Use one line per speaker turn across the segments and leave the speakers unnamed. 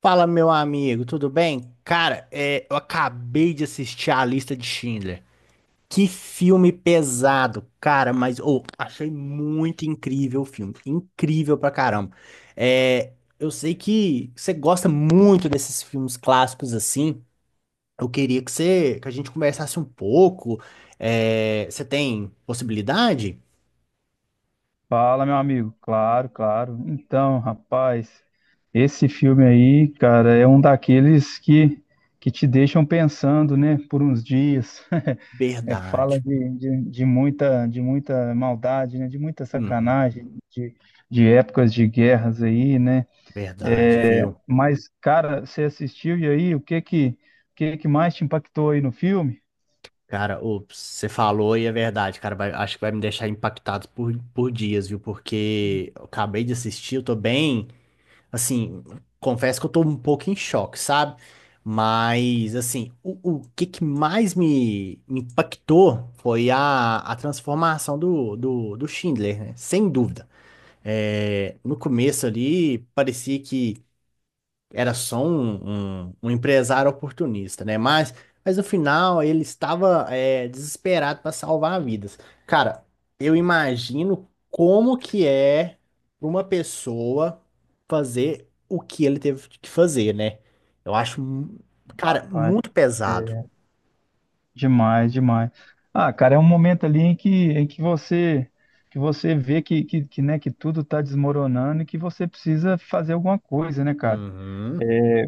Fala, meu amigo, tudo bem? Cara, eu acabei de assistir a lista de Schindler. Que filme pesado, cara, mas ô, achei muito incrível o filme. Incrível pra caramba. É, eu sei que você gosta muito desses filmes clássicos assim. Eu queria que a gente conversasse um pouco. Você tem possibilidade?
Fala, meu amigo. Claro, claro. Então, rapaz, esse filme aí, cara, é um daqueles que te deixam pensando, né, por uns dias. Fala
Verdade.
de muita maldade, né, de muita
Uhum,
sacanagem, de épocas de guerras aí, né?
verdade,
É,
viu?
mas, cara, você assistiu e aí, o que que mais te impactou aí no filme?
Cara, ô, você falou e é verdade, cara. Acho que vai me deixar impactado por dias, viu? Porque eu acabei de assistir, eu tô bem. Assim, confesso que eu tô um pouco em choque, sabe? Mas, assim, o que que mais me impactou foi a transformação do Schindler, né? Sem dúvida. É, no começo ali, parecia que era só um empresário oportunista, né? Mas no final ele estava desesperado para salvar vidas. Cara, eu imagino como que é pra uma pessoa fazer o que ele teve que fazer, né? Eu acho, cara,
Rapaz.
muito pesado.
Demais, demais. Ah, cara, é um momento ali em que você vê né, que tudo está desmoronando e que você precisa fazer alguma coisa, né, cara?
Uhum,
É,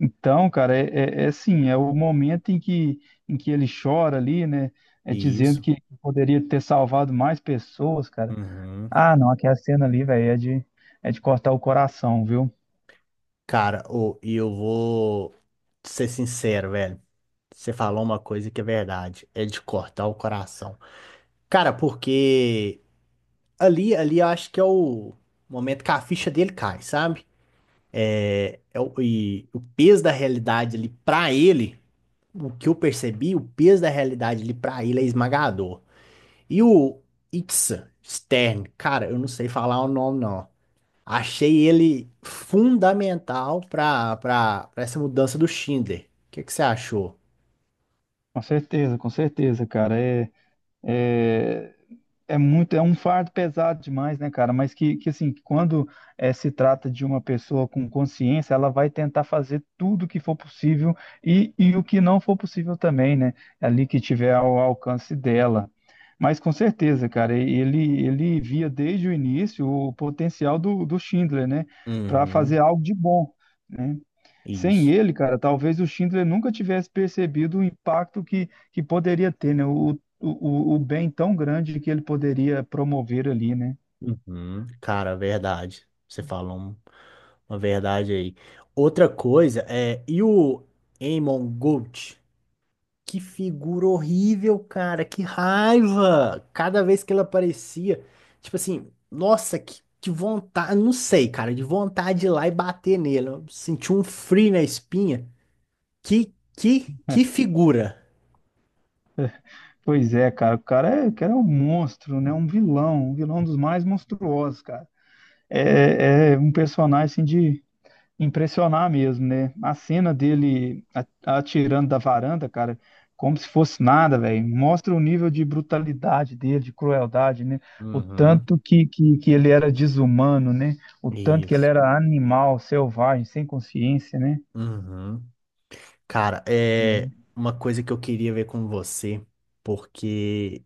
então, cara, é assim, é o momento em que ele chora ali, né? É dizendo
isso.
que poderia ter salvado mais pessoas, cara.
Uhum.
Ah, não, aquela cena ali, velho, é de cortar o coração, viu?
Cara, ô, e eu vou ser sincero, velho. Você falou uma coisa que é verdade, é de cortar o coração. Cara, porque ali, ali eu acho que é o momento que a ficha dele cai, sabe? E o peso da realidade ali pra ele, o que eu percebi, o peso da realidade ali pra ele é esmagador. E o Itzhak Stern, cara, eu não sei falar o nome não. Achei ele fundamental pra essa mudança do Schindler. O que que você achou?
Com certeza, cara. É, é muito, é um fardo pesado demais, né, cara? Mas que assim, quando se trata de uma pessoa com consciência, ela vai tentar fazer tudo o que for possível e o que não for possível também, né? Ali que tiver ao alcance dela. Mas com certeza, cara, ele via desde o início o potencial do, do Schindler, né? Para fazer
Uhum,
algo de bom, né? Sem
isso.
ele, cara, talvez o Schindler nunca tivesse percebido o impacto que poderia ter, né? O bem tão grande que ele poderia promover ali, né?
Uhum. Cara, verdade. Você falou. Uma verdade aí. Outra coisa é, e o Amon Gold? Que figura horrível, cara, que raiva! Cada vez que ele aparecia, tipo assim, nossa, que vontade, não sei, cara, de vontade de ir lá e bater nele. Eu senti um frio na espinha. Que que figura!
Pois é, cara, o cara é um monstro, né? Um vilão dos mais monstruosos, cara. É um personagem assim, de, impressionar mesmo, né? A cena dele atirando da varanda, cara, como se fosse nada, velho. Mostra o nível de brutalidade dele, de crueldade, né? O
Uhum.
tanto que, que, que ele era desumano, né? O tanto que ele
Isso.
era animal, selvagem, sem consciência, né?
Uhum. Cara, é uma coisa que eu queria ver com você, porque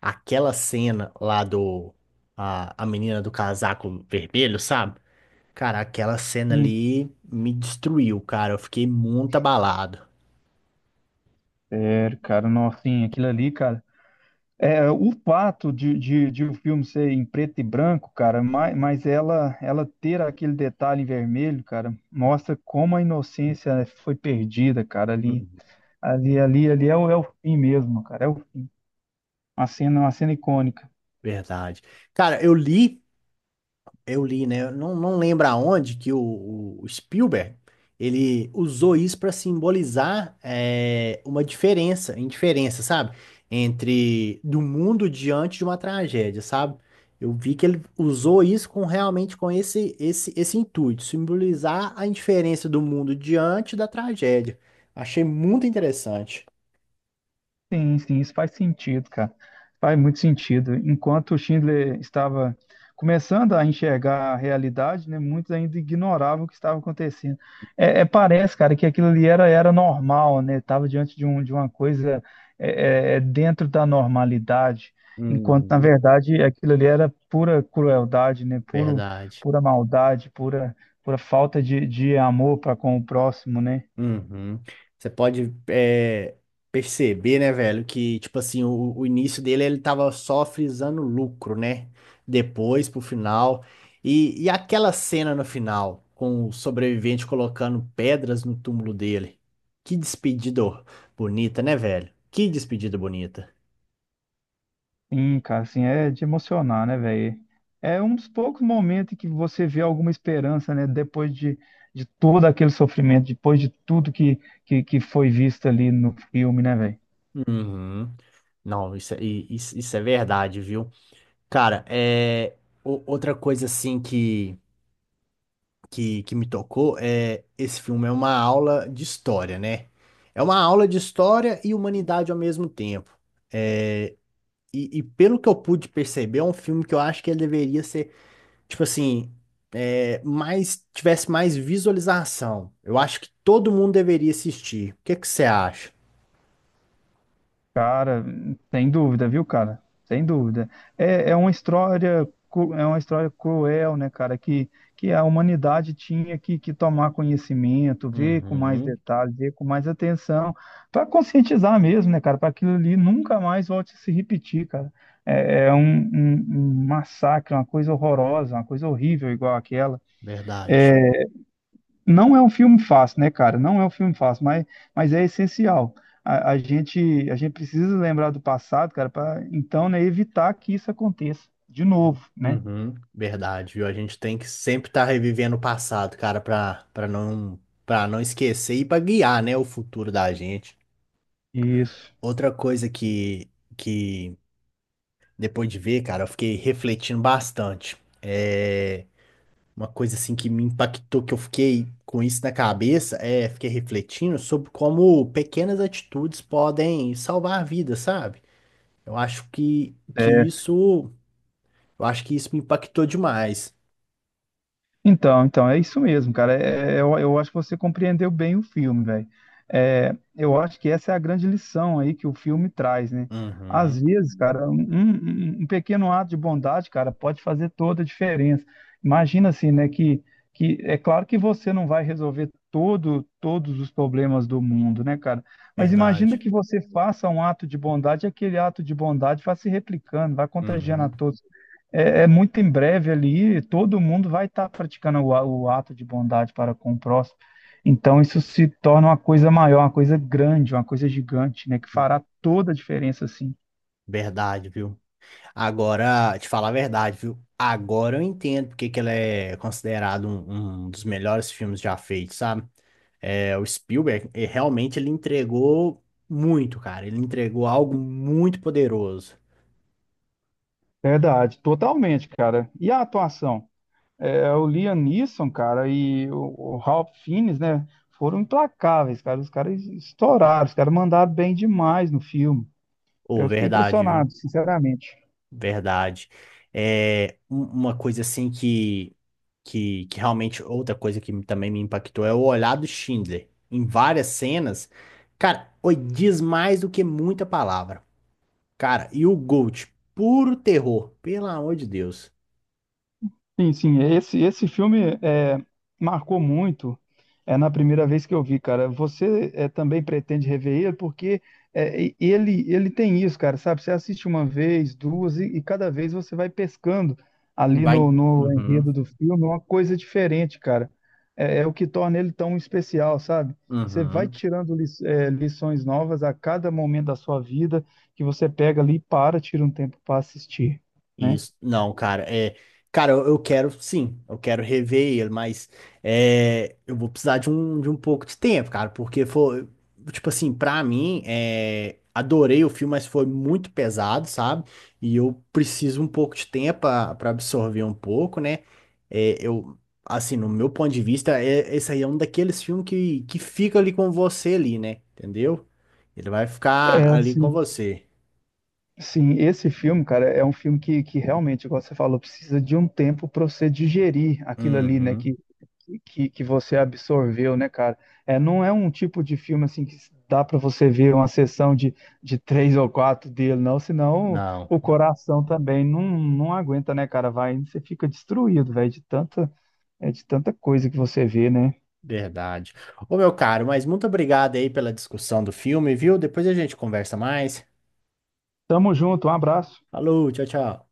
aquela cena lá do. A menina do casaco vermelho, sabe? Cara, aquela cena
Hum,
ali me destruiu, cara. Eu fiquei muito abalado.
sério, cara, nossa, assim, aquilo ali, cara. É, o fato de o filme ser em preto e branco, cara, mas ela ter aquele detalhe em vermelho, cara, mostra como a inocência foi perdida, cara, ali,
Hum,
ali é o, é o fim mesmo, cara, é o, uma cena icônica.
Verdade. Cara, eu li. Eu li, né? Eu não, não lembro aonde que o Spielberg ele usou isso para simbolizar uma indiferença, sabe? Entre do mundo diante de uma tragédia, sabe? Eu vi que ele usou isso com realmente com esse intuito, simbolizar a indiferença do mundo diante da tragédia. Achei muito interessante.
Sim, sim, isso faz sentido, cara. Faz muito sentido. Enquanto o Schindler estava começando a enxergar a realidade, né, muitos ainda ignoravam o que estava acontecendo. Parece, cara, que aquilo ali era, era normal, né? Estava diante de, um, de uma coisa é dentro da normalidade, enquanto, na
Uhum.
verdade, aquilo ali era pura crueldade, né? Puro,
Verdade.
pura maldade, pura, pura falta de amor para com o próximo, né?
Uhum. Você pode perceber, né, velho, que, tipo assim, o início dele, ele tava só frisando lucro, né? Depois, pro final. E aquela cena no final, com o sobrevivente colocando pedras no túmulo dele. Que despedida bonita, né, velho? Que despedida bonita.
Sim, cara, assim, é de emocionar, né, velho? É um dos poucos momentos em que você vê alguma esperança, né, depois de todo aquele sofrimento, depois de tudo que foi visto ali no filme, né, velho?
Uhum. Não, isso, isso, isso é verdade, viu? Cara, é outra coisa assim que me tocou é esse filme é uma aula de história, né? É uma aula de história e humanidade ao mesmo tempo. E pelo que eu pude perceber, é um filme que eu acho que ele deveria ser, tipo assim, tivesse mais visualização. Eu acho que todo mundo deveria assistir. O que é que você acha?
Cara, sem dúvida, viu, cara? Sem dúvida. É, é uma história, é uma história cruel, né, cara? Que a humanidade tinha que tomar conhecimento, ver com mais
Uhum,
detalhes, ver com mais atenção, para conscientizar mesmo, né, cara? Para aquilo ali nunca mais volte a se repetir, cara. É, é um, um massacre, uma coisa horrorosa, uma coisa horrível igual aquela.
verdade.
Não é um filme fácil, né, cara? Não é um filme fácil, mas é essencial. A, a gente, a gente precisa lembrar do passado, cara, para então, né, evitar que isso aconteça de novo, né?
Uhum. Verdade, viu? A gente tem que sempre estar revivendo o passado, cara, pra, pra não esquecer e pra guiar, né, o futuro da gente.
Isso.
Outra coisa que depois de ver, cara, eu fiquei refletindo bastante. É uma coisa assim que me impactou, que eu fiquei com isso na cabeça, fiquei refletindo sobre como pequenas atitudes podem salvar vidas, sabe? Eu acho que isso, eu acho que isso me impactou demais.
Então, então, é isso mesmo, cara. Eu acho que você compreendeu bem o filme, velho. É, eu acho que essa é a grande lição aí que o filme traz, né? Às
Uhum,
vezes, cara, um pequeno ato de bondade, cara, pode fazer toda a diferença. Imagina assim, né? Que é claro que você não vai resolver todo, todos os problemas do mundo, né, cara? Mas imagina
verdade.
que você faça um ato de bondade, e aquele ato de bondade vai se replicando, vai contagiando a
Uhum,
todos. É muito em breve ali, todo mundo vai estar praticando o, o ato de bondade para com o próximo. Então, isso se torna uma coisa maior, uma coisa grande, uma coisa gigante, né? Que fará toda a diferença, assim.
verdade, viu? Agora, te falar a verdade, viu? Agora eu entendo porque que ele é considerado um, um dos melhores filmes já feitos, sabe? É, o Spielberg, ele, realmente ele entregou muito, cara. Ele entregou algo muito poderoso.
Verdade, totalmente, cara. E a atuação? É, o Liam Neeson, cara, e o Ralph Fiennes, né? Foram implacáveis, cara. Os caras estouraram, os caras mandaram bem demais no filme.
Ô,
Eu fiquei
verdade, viu?
impressionado, sinceramente.
Verdade. Uma coisa assim que realmente, outra coisa que também me impactou é o olhar do Schindler. Em várias cenas, cara, oi, diz mais do que muita palavra. Cara, e o Gold, puro terror, pelo amor de Deus.
Sim, sim, esse filme é, marcou muito é, na primeira vez que eu vi, cara. Você é, também pretende rever ele, porque é, ele, ele tem isso, cara, sabe? Você assiste uma vez, duas, e cada vez você vai pescando ali
Vai,
no, no enredo
uhum,
do filme uma coisa diferente, cara. É, é o que torna ele tão especial, sabe? Você vai
uhum.
tirando é, lições novas a cada momento da sua vida que você pega ali e para, tira um tempo para assistir, né?
Isso, não, cara, cara, eu quero, sim, eu quero rever ele, mas eu vou precisar de de um pouco de tempo, cara, porque foi, tipo assim, pra mim, adorei o filme, mas foi muito pesado, sabe? E eu preciso um pouco de tempo pra pra absorver um pouco, né? É, eu, assim, no meu ponto de vista, esse aí é um daqueles filmes que fica ali com você ali, né? Entendeu? Ele vai ficar
É,
ali com
sim.
você.
Sim, esse filme, cara, é um filme que realmente, igual você falou, precisa de um tempo para você digerir aquilo ali, né,
Uhum.
que você absorveu, né, cara? É, não é um tipo de filme, assim, que dá para você ver uma sessão de três ou quatro dele, não, senão
Não.
o coração também não, não aguenta, né, cara? Vai, você fica destruído, velho, de tanta, é, de tanta coisa que você vê, né?
Verdade. Ô, meu caro, mas muito obrigado aí pela discussão do filme, viu? Depois a gente conversa mais.
Tamo junto, um abraço.
Falou, tchau, tchau.